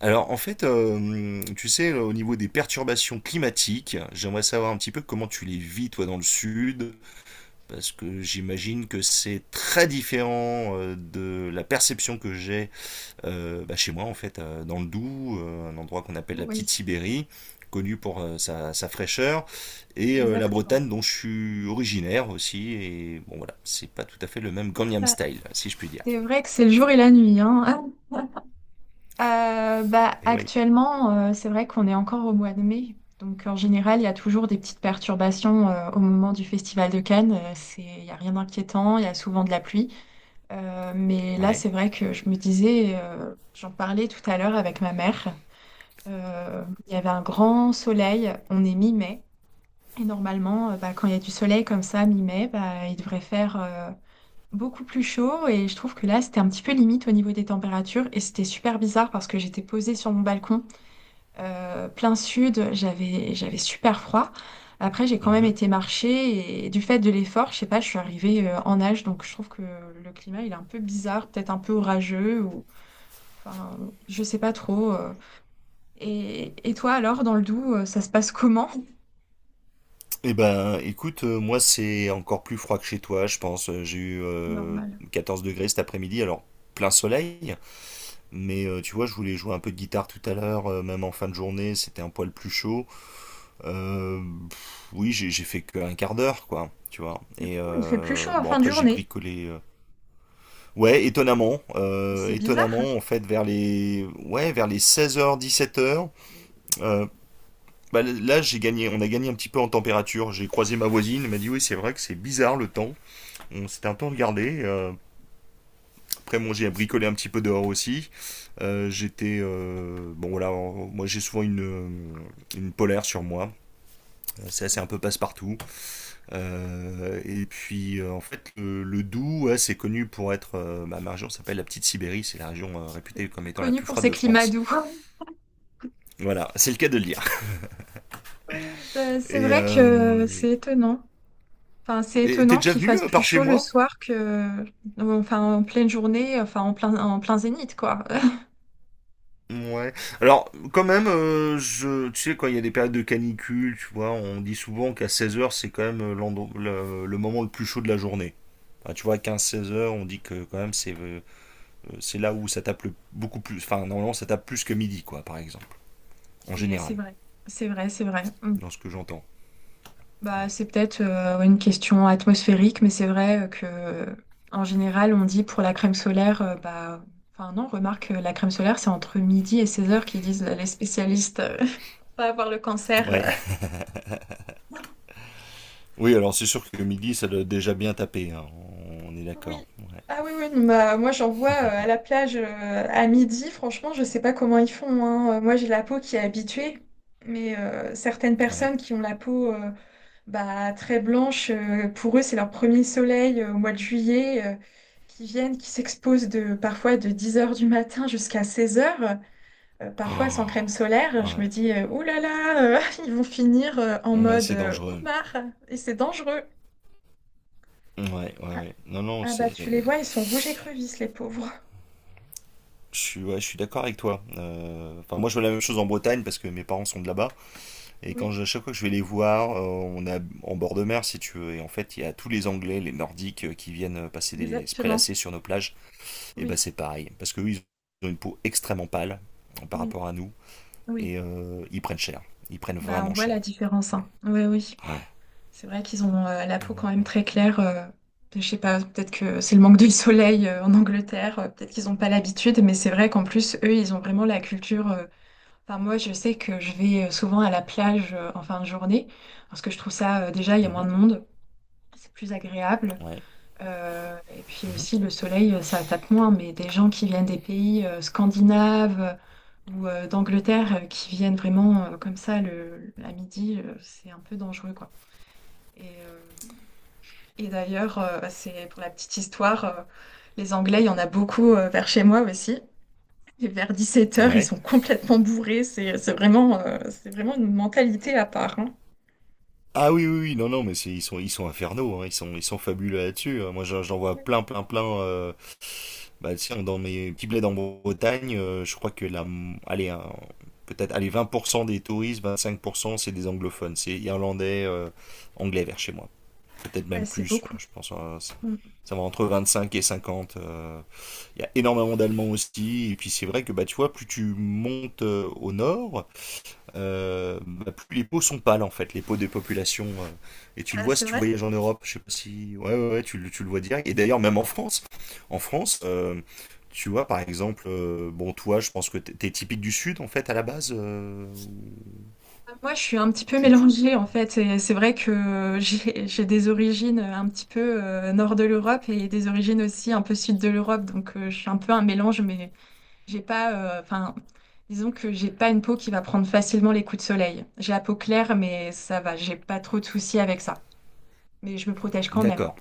Alors en fait, tu sais, au niveau des perturbations climatiques, j'aimerais savoir un petit peu comment tu les vis toi dans le sud, parce que j'imagine que c'est très différent, de la perception que j'ai bah, chez moi en fait, dans le Doubs, un endroit qu'on appelle la Oui, petite Sibérie, connu pour sa fraîcheur, et la exactement. Bretagne dont je suis originaire aussi, et bon voilà, c'est pas tout à fait le même Gangnam Ouais. Style, si je puis dire. C'est vrai que c'est le jour et la nuit, hein. Ah, bah, Et oui, actuellement, c'est vrai qu'on est encore au mois de mai. Donc, en général, il y a toujours des petites perturbations au moment du Festival de Cannes. Il n'y a rien d'inquiétant, il y a souvent de la pluie. Mais là, ouais. c'est vrai que je me disais, j'en parlais tout à l'heure avec ma mère. Il y avait un grand soleil, on est mi-mai. Et normalement, bah, quand il y a du soleil comme ça, mi-mai, bah, il devrait faire beaucoup plus chaud, et je trouve que là c'était un petit peu limite au niveau des températures, et c'était super bizarre parce que j'étais posée sur mon balcon plein sud, j'avais super froid. Après j'ai quand même été marcher et du fait de l'effort, je sais pas, je suis arrivée en nage, donc je trouve que le climat il est un peu bizarre, peut-être un peu orageux, ou enfin, je sais pas trop. Et toi alors dans le Doubs, ça se passe comment? Eh ben, écoute, moi c'est encore plus froid que chez toi, je pense. J'ai eu Normal. 14 degrés cet après-midi, alors plein soleil. Mais tu vois, je voulais jouer un peu de guitare tout à l'heure, même en fin de journée, c'était un poil plus chaud. Euh, oui, j'ai fait qu'un quart d'heure, quoi, tu vois. Du Et coup, il fait plus chaud en bon, fin de après j'ai journée. bricolé. Ouais, étonnamment, C'est bizarre. En fait, vers les 16h, 17h, euh, bah, là, j'ai gagné, on a gagné un petit peu en température. J'ai croisé ma voisine, elle m'a dit oui, c'est vrai que c'est bizarre le temps. On s'était un peu regardé. Après, bon, j'ai bricolé un petit peu dehors aussi. J'étais. Bon, voilà, moi j'ai souvent une polaire sur moi. Ça, c'est un peu passe-partout. Et puis, en fait, le Doubs, ouais, c'est connu pour être. Bah, ma région s'appelle la Petite Sibérie. C'est la région C'est réputée comme plus étant la connu plus pour froide ces de climats France. doux. Voilà, c'est le cas de le dire. Oui, bah, c'est Et. vrai que euh, c'est étonnant. Enfin, c'est et t'es étonnant déjà qu'il venu fasse plus par chez chaud le moi? soir que, enfin, en pleine journée, enfin, en plein zénith, quoi. Ouais. Alors, quand même, tu sais, quand il y a des périodes de canicule, tu vois, on dit souvent qu'à 16 heures, c'est quand même le moment le plus chaud de la journée. Enfin, tu vois, à 16 heures, on dit que quand même, c'est là où ça tape beaucoup plus. Enfin, normalement, ça tape plus que midi, quoi, par exemple. En Et c'est général, vrai, c'est vrai, c'est vrai. Mm. dans ce que j'entends. Bah, Ouais. c'est peut-être une question atmosphérique, mais c'est vrai que, en général, on dit pour la crème solaire, bah, enfin, non, remarque, la crème solaire, c'est entre midi et 16 heures qu'ils disent les spécialistes, pas avoir le Ouais. cancer. Oui, alors c'est sûr que midi, ça doit déjà bien taper, hein. On est d'accord. Oui. Ouais. Ah oui, oui, non, bah, moi j'en vois à la plage à midi, franchement, je sais pas comment ils font, hein. Moi j'ai la peau qui est habituée, mais certaines Ouais. personnes qui ont la peau bah, très blanche, pour eux c'est leur premier soleil au mois de juillet, qui viennent, qui s'exposent de, parfois de 10 heures du matin jusqu'à 16h, parfois sans Oh. crème solaire. Je Ouais, me dis, ouh là là, ils vont finir en ouais mode c'est dangereux. homard, et c'est dangereux. Ouais, ouais, Ah, ouais. Non, non, ah, c'est bah tu les vois, ils sont rouges et crevisses, les pauvres. je suis d'accord avec toi. Enfin, moi, je vois la même chose en Bretagne parce que mes parents sont de là-bas. Et Oui, à chaque fois que je vais les voir, on est en bord de mer, si tu veux. Et en fait, il y a tous les Anglais, les Nordiques, qui viennent passer se exactement. prélasser sur nos plages. Et ben, Oui, c'est pareil. Parce que eux, ils ont une peau extrêmement pâle, par oui, rapport à nous. oui. Et ils prennent cher. Ils prennent Bah, on vraiment voit cher. la différence, Ouais. hein. Oui, oui. Ouais. C'est vrai qu'ils ont la peau quand même très claire. Je sais pas, peut-être que c'est le manque de soleil en Angleterre. Peut-être qu'ils n'ont pas l'habitude, mais c'est vrai qu'en plus, eux, ils ont vraiment la culture. Enfin, moi, je sais que je vais souvent à la plage en fin de journée, parce que je trouve ça, déjà, il y a moins Mhm. de monde. C'est plus agréable. Ouais. Et puis Mhm. aussi, le soleil, ça tape moins, mais des gens qui viennent des pays scandinaves ou d'Angleterre qui viennent vraiment comme ça, le, à midi, c'est un peu dangereux, quoi. Et, euh, et d'ailleurs, c'est pour la petite histoire, les Anglais, il y en a beaucoup vers chez moi aussi. Et vers 17 heures, ils Ouais. sont complètement bourrés. C'est vraiment, c'est vraiment une mentalité à part, hein. Ah oui, oui, oui, non, non, mais ils sont infernaux, hein, ils sont fabuleux là-dessus, hein. Moi, j'en vois plein, plein, plein. Bah, tiens, dans mes petits bleds en Bretagne, je crois que allez, peut-être, allez, 20% des touristes, 25%, c'est des anglophones, c'est irlandais, anglais vers chez moi. Peut-être Ouais, même c'est plus, beaucoup. je pense, ça Mm. ça va entre 25 et 50. Il y a énormément d'Allemands aussi, et puis c'est vrai que, bah, tu vois, plus tu montes au nord, bah, plus les peaux sont pâles en fait, les peaux des populations. Et tu le Ah, vois c'est si tu vrai? voyages en Europe, je sais pas si. Ouais, ouais, ouais, tu le vois direct. Et d'ailleurs, même en France, tu vois par exemple, bon, toi, je pense que t'es typique du Sud en fait à la base. Moi, je suis un petit peu tu, tu- mélangée en fait. Et c'est vrai que j'ai des origines un petit peu nord de l'Europe et des origines aussi un peu sud de l'Europe. Donc, je suis un peu un mélange, mais j'ai pas, enfin, disons que j'ai pas une peau qui va prendre facilement les coups de soleil. J'ai la peau claire, mais ça va. J'ai pas trop de soucis avec ça. Mais je me protège quand même. D'accord.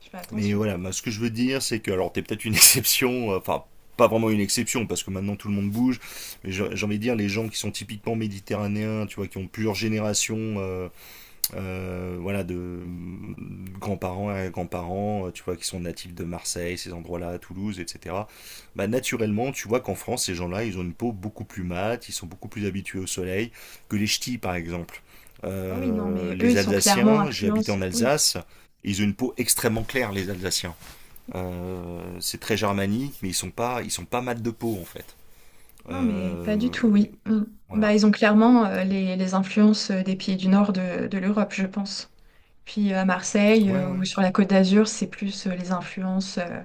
Je fais Mais attention. voilà, bah, ce que je veux dire, c'est que alors t'es peut-être une exception, enfin. Pas vraiment une exception parce que maintenant tout le monde bouge, mais j'ai envie de dire les gens qui sont typiquement méditerranéens, tu vois, qui ont plusieurs générations, voilà, de grands-parents à grands-parents, tu vois, qui sont natifs de Marseille, ces endroits-là, Toulouse, etc. Bah, naturellement, tu vois qu'en France, ces gens-là, ils ont une peau beaucoup plus mate, ils sont beaucoup plus habitués au soleil que les ch'tis, par exemple. Ah oui, non, mais eux, Les ils sont clairement Alsaciens, j'ai habité influence. en Oui, Alsace, ils ont une peau extrêmement claire, les Alsaciens. C'est très germanique, mais ils sont pas mat de peau en fait. non, mais pas du Euh, tout. Oui. Mm. Bah, voilà. ils ont clairement les influences des pays du nord de l'Europe, je pense. Puis à Marseille Ouais, ouais. ou sur la Côte d'Azur, c'est plus les influences,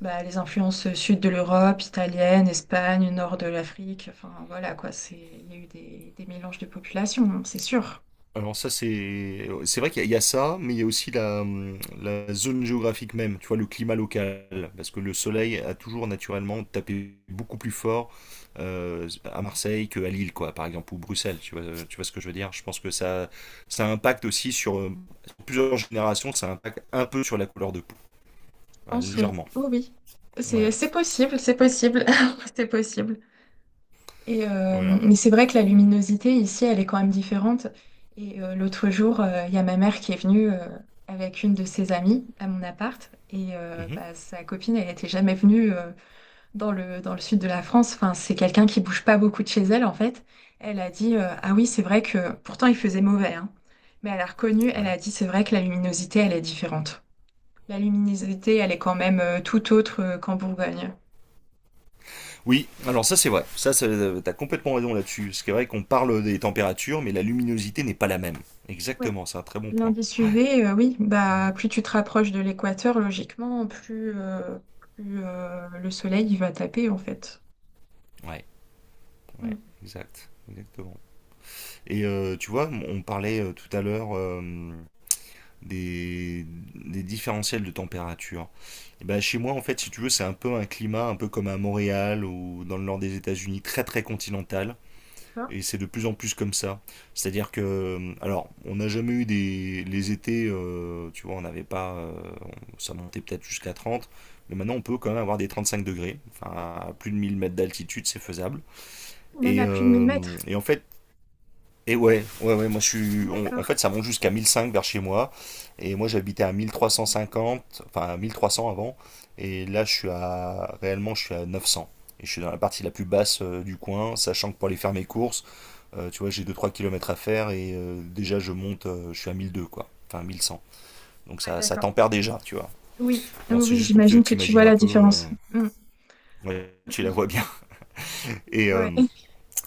bah, les influences sud de l'Europe, italienne, Espagne, nord de l'Afrique. Enfin voilà quoi, c'est il y a eu des mélanges de populations, hein, c'est sûr. Alors ça c'est vrai qu'il y a ça, mais il y a aussi la zone géographique même, tu vois, le climat local, parce que le soleil a toujours naturellement tapé beaucoup plus fort, à Marseille qu'à Lille, quoi, par exemple, ou Bruxelles, tu vois ce que je veux dire? Je pense que ça impacte aussi sur plusieurs générations, ça impacte un peu sur la couleur de peau, Je ouais, pense oui, légèrement. oui, oui. C'est Ouais, c'est possible, c'est possible, c'est possible. Et, voilà. mais c'est vrai que la luminosité ici, elle est quand même différente. Et l'autre jour, il y a ma mère qui est venue, avec une de ses amies à mon appart, et Mhm, bah, sa copine elle n'était jamais venue dans le sud de la France. Enfin, c'est quelqu'un qui bouge pas beaucoup de chez elle, en fait. Elle a dit, ah oui, c'est vrai que pourtant il faisait mauvais, hein. Mais elle a reconnu, elle ouais. a dit, c'est vrai que la luminosité, elle est différente. La luminosité, elle est quand même tout autre qu'en Bourgogne. Oui, alors ça c'est vrai. Ça, t'as complètement raison là-dessus. C'est vrai qu'on parle des températures, mais la luminosité n'est pas la même. Ouais. Exactement, c'est un très bon point. L'indice UV, oui, bah Ouais. plus tu te rapproches de l'équateur, logiquement, plus le soleil il va taper, en fait. Ouais, ouais, Mm. exact, exactement. Et tu vois, on parlait tout à l'heure, des, des différentiels de température. Et ben, chez moi, en fait, si tu veux, c'est un peu un climat, un peu comme à Montréal ou dans le nord des États-Unis, très très continental. Hein. Et c'est de plus en plus comme ça. C'est-à-dire que, alors, on n'a jamais eu les étés, tu vois, on n'avait pas, ça montait peut-être jusqu'à 30, mais maintenant on peut quand même avoir des 35 degrés, enfin, à plus de 1000 mètres d'altitude, c'est faisable. Même à plus de 1000 mètres. En fait, et ouais, ouais, ouais, moi je suis, on- en D'accord. fait, ça monte jusqu'à 1005 vers chez moi, et moi j'habitais à 1350, enfin, à 1300 avant, et là je suis à, réellement, je suis à 900. Et je suis dans la partie la plus basse, du coin, sachant que pour aller faire mes courses, tu vois, j'ai deux trois kilomètres à faire et déjà je monte, je suis à 1002 quoi, enfin 1100. Donc Ouais, ça d'accord. tempère déjà, tu vois. Oui, Bon, oui, c'est oui, juste pour que tu j'imagine que tu t'imagines vois un la peu. différence. Mm. Ouais, tu la Oui. vois bien. Et, Ouais. euh,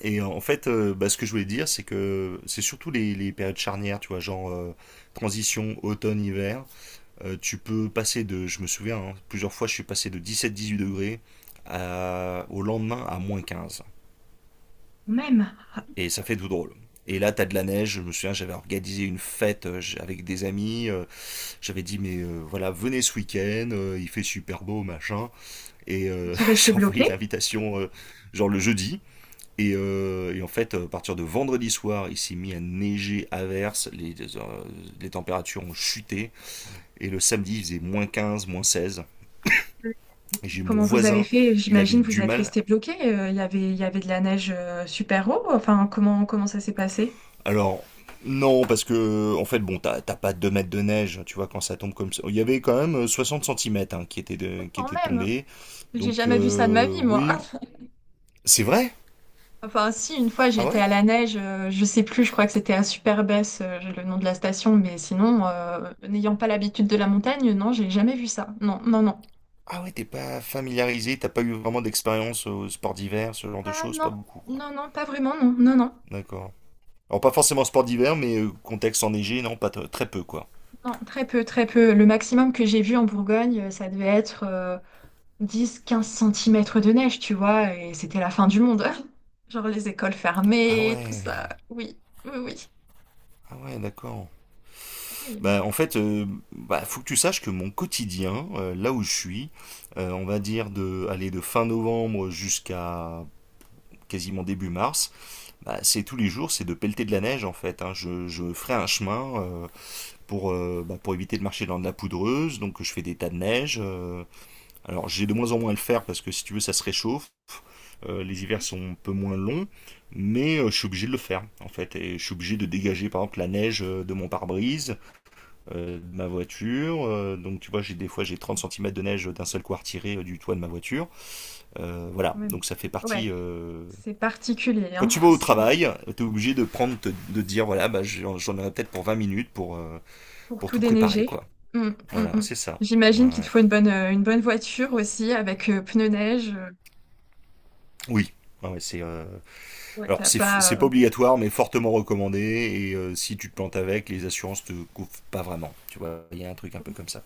et en fait, bah, ce que je voulais dire, c'est que c'est surtout les périodes charnières, tu vois, genre, transition automne-hiver. Tu peux passer je me souviens, hein, plusieurs fois je suis passé de 17-18 degrés au lendemain à -15. Même, Et ça fait tout drôle. Et là, t'as de la neige. Je me souviens, j'avais organisé une fête avec des amis. J'avais dit, mais voilà, venez ce week-end, il fait super beau, machin. Et ils sont restés j'ai envoyé bloqués. l'invitation, genre le jeudi. Et en fait, à partir de vendredi soir, il s'est mis à neiger à verse. Les températures ont chuté. Et le samedi, il faisait -15, -16. Et j'ai mon Comment vous avez voisin, fait? il avait J'imagine eu vous du êtes mal. restés bloqués. Il y avait de la neige super haut. Enfin, comment, comment ça s'est passé? Alors, non, parce que, en fait, bon, t'as pas 2 mètres de neige, tu vois, quand ça tombe comme ça. Il y avait quand même, 60 centimètres, hein, qui étaient, qui Quand étaient même, tombés. j'ai Donc, jamais vu ça de ma vie, moi. oui. C'est vrai? Enfin, si, une fois, Ah j'étais ouais? à la neige, je sais plus, je crois que c'était à Superbès, j'ai le nom de la station, mais sinon, n'ayant pas l'habitude de la montagne, non, j'ai jamais vu ça. Non, non, non. Ah ouais, t'es pas familiarisé, t'as pas eu vraiment d'expérience au sport d'hiver, ce genre de Ah choses, non, pas beaucoup, quoi. non, non, pas vraiment, non, non, non. D'accord. Alors, pas forcément sport d'hiver, mais contexte enneigé, non, pas t- très peu, quoi. Non, très peu, très peu. Le maximum que j'ai vu en Bourgogne, ça devait être 10-15 centimètres de neige, tu vois, et c'était la fin du monde. Genre les écoles Ah fermées, tout ouais, ça. Oui, oui, oui. ah ouais, d'accord. Oui, Bah, en fait, bah, faut que tu saches que mon quotidien, là où je suis, on va dire de aller de fin novembre jusqu'à quasiment début mars, bah, c'est tous les jours, c'est de pelleter de la neige en fait, hein. Je ferai un chemin, pour éviter de marcher dans de la poudreuse, donc je fais des tas de neige. Alors j'ai de moins en moins à le faire parce que si tu veux ça se réchauffe. Les hivers oui, sont un peu moins longs, mais je suis obligé de le faire en fait. Et je suis obligé de dégager par exemple la neige, de mon pare-brise, de ma voiture. Donc tu vois, j'ai des fois j'ai 30 centimètres de neige d'un seul coup à retirer, du toit de ma voiture. Quand Voilà, même. donc ça fait Ouais, partie. C'est particulier, Quand hein. tu vas au C'est travail, t'es obligé de prendre, de dire voilà, bah, j'en aurai peut-être pour 20 minutes pour pour tout tout préparer, déneiger. quoi. Mm, mm, Voilà, mm. c'est ça. Ouais. J'imagine qu'il te Ouais. faut une bonne voiture aussi, avec pneus neige. Oui. Ouais, ouais, c'est Ouais, alors t'as pas. c'est pas obligatoire mais fortement recommandé et si tu te plantes avec les assurances te couvrent pas vraiment, tu vois, il y a un truc un peu comme ça.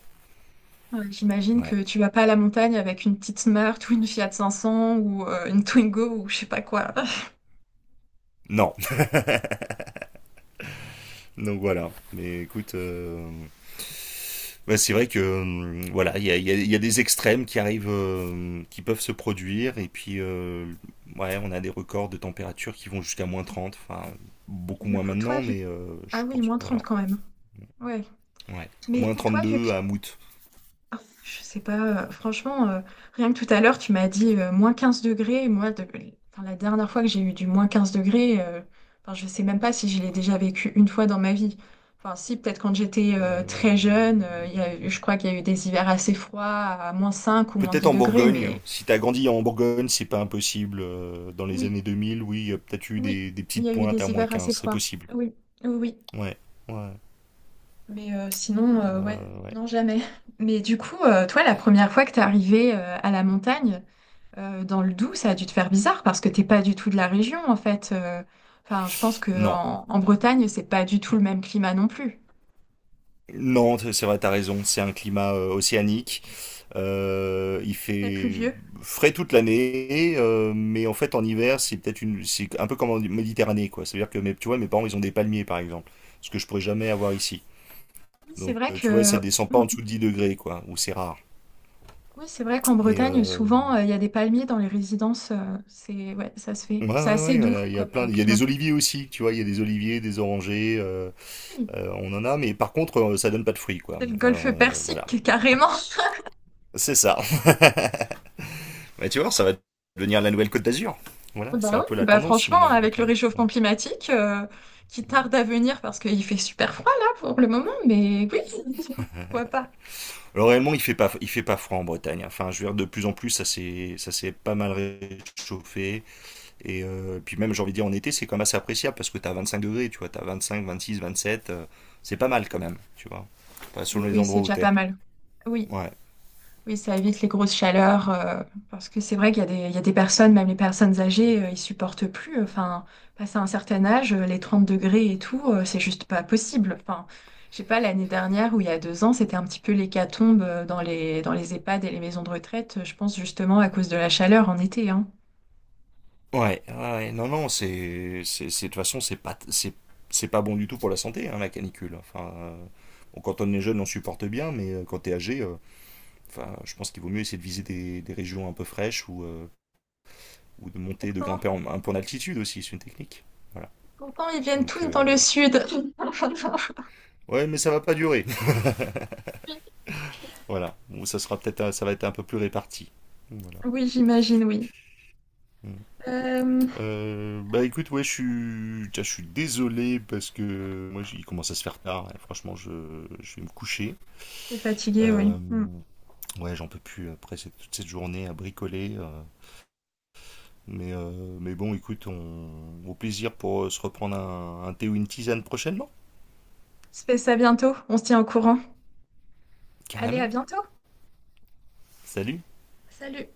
Ouais, j'imagine Ouais, que tu vas pas à la montagne avec une petite Smart ou une Fiat 500 ou une Twingo ou je sais pas quoi. non. Donc voilà. Mais écoute, bah, c'est vrai que voilà, il y a des extrêmes qui arrivent, qui peuvent se produire, et puis ouais, on a des records de température qui vont jusqu'à moins trente, enfin beaucoup Du moins coup, toi, maintenant, vu. mais Ah je oui, pense que -30 voilà. quand même. Ouais. Ouais. Moins Mais toi, vu que. deux à Mout. Ah, je sais pas, franchement, rien que tout à l'heure, tu m'as dit -15 degrés. Enfin, la dernière fois que j'ai eu du -15 degrés, enfin, je sais même pas si je l'ai déjà vécu une fois dans ma vie. Enfin, si, peut-être quand j'étais très Euh, jeune, il y a eu- je crois qu'il y a eu des hivers assez froids, à -5 ou moins Peut-être dix en degrés, Bourgogne. mais. Si t'as grandi en Bourgogne, c'est pas impossible. Dans les Oui, années deux mille, oui, il y a peut-être eu oui, des il y petites a eu pointes à des moins hivers assez quinze, c'est froids. possible. Oui, oui, oui. Ouais, ouais, Mais sinon, ouais, ouais. non, jamais. Mais du coup, toi, la première fois que t'es arrivé à la montagne, dans le Doubs, ça a dû te faire bizarre parce que t'es pas du tout de la région en fait. Enfin, je pense que Non, en Bretagne, c'est pas du tout le même climat non plus. non, c'est vrai, t'as raison. C'est un climat océanique. Il C'est fait pluvieux. frais toute l'année, mais en fait en hiver, c'est un peu comme en Méditerranée, quoi. C'est-à-dire que tu vois, mes parents, ils ont des palmiers, par exemple, ce que je pourrais jamais avoir ici. Oui, c'est Donc, vrai tu vois, ça que descend pas mm, en dessous de 10 degrés, quoi, ou c'est rare. oui, c'est vrai qu'en Et Bretagne, euh, souvent, il y a des palmiers dans les résidences. C'est ouais, ça se fait. C'est assez ouais, doux voilà, il y a comme plein, il y a climat. des oliviers aussi, tu vois, il y a des oliviers, des orangers, Oui, on en a, mais par contre, ça donne pas de fruits, quoi. c'est le golfe Alors voilà, Persique carrément. c'est ça. Bah, tu vois, ça va devenir la nouvelle Côte d'Azur. Voilà, Bah c'est un peu oui, la bah tendance franchement, maintenant de la avec le Bretagne. Ouais. réchauffement climatique qui tarde à venir parce qu'il fait super froid là pour le moment, mais oui, pourquoi pas. Alors réellement, il fait pas froid en Bretagne, hein. Enfin, je veux dire, de plus en plus, ça s'est pas mal réchauffé. Et puis même, j'ai envie de dire, en été, c'est quand même assez appréciable parce que t'as 25 degrés, tu vois, t'as 25, 26, 27, c'est pas mal quand même, tu vois. Enfin, selon les Oui, c'est endroits où déjà t'es. pas mal. Oui. Ouais, Oui, ça évite les grosses chaleurs, parce que c'est vrai qu'il y a des, personnes, même les personnes âgées, ils supportent plus. Enfin, passé un certain âge, les 30 degrés et tout, c'est juste pas possible. Enfin, je sais pas, l'année dernière ou il y a 2 ans, c'était un petit peu l'hécatombe dans les EHPAD et les maisons de retraite, je pense justement à cause de la chaleur en été, hein. ouais, ouais. Non, non, de toute façon, c'est pas bon du tout pour la santé, hein, la canicule. Enfin, bon, quand on est jeune, on supporte bien, mais quand t'es âgé, enfin, je pense qu'il vaut mieux essayer de viser des régions un peu fraîches, ou, ou de monter, de Pourtant, grimper un peu en altitude aussi, c'est une technique. Voilà. pourtant, ils viennent Donc, tous dans le sud. ouais, mais ça va pas durer. Voilà. Bon, ça va être un peu plus réparti. Voilà. Oui, j'imagine, oui. Mm. Euh, Bah écoute, ouais, tiens, je suis désolé parce que moi, il commence à se faire tard. Et franchement, je vais me coucher. t'es fatigué, oui. Euh, Hmm. On ouais, j'en peux plus après toute cette journée à bricoler. Mais, mais bon, écoute, au plaisir pour se reprendre un thé ou une tisane prochainement. se fait ça bientôt, on se tient au courant. Allez, à Carrément. bientôt. Salut. Salut.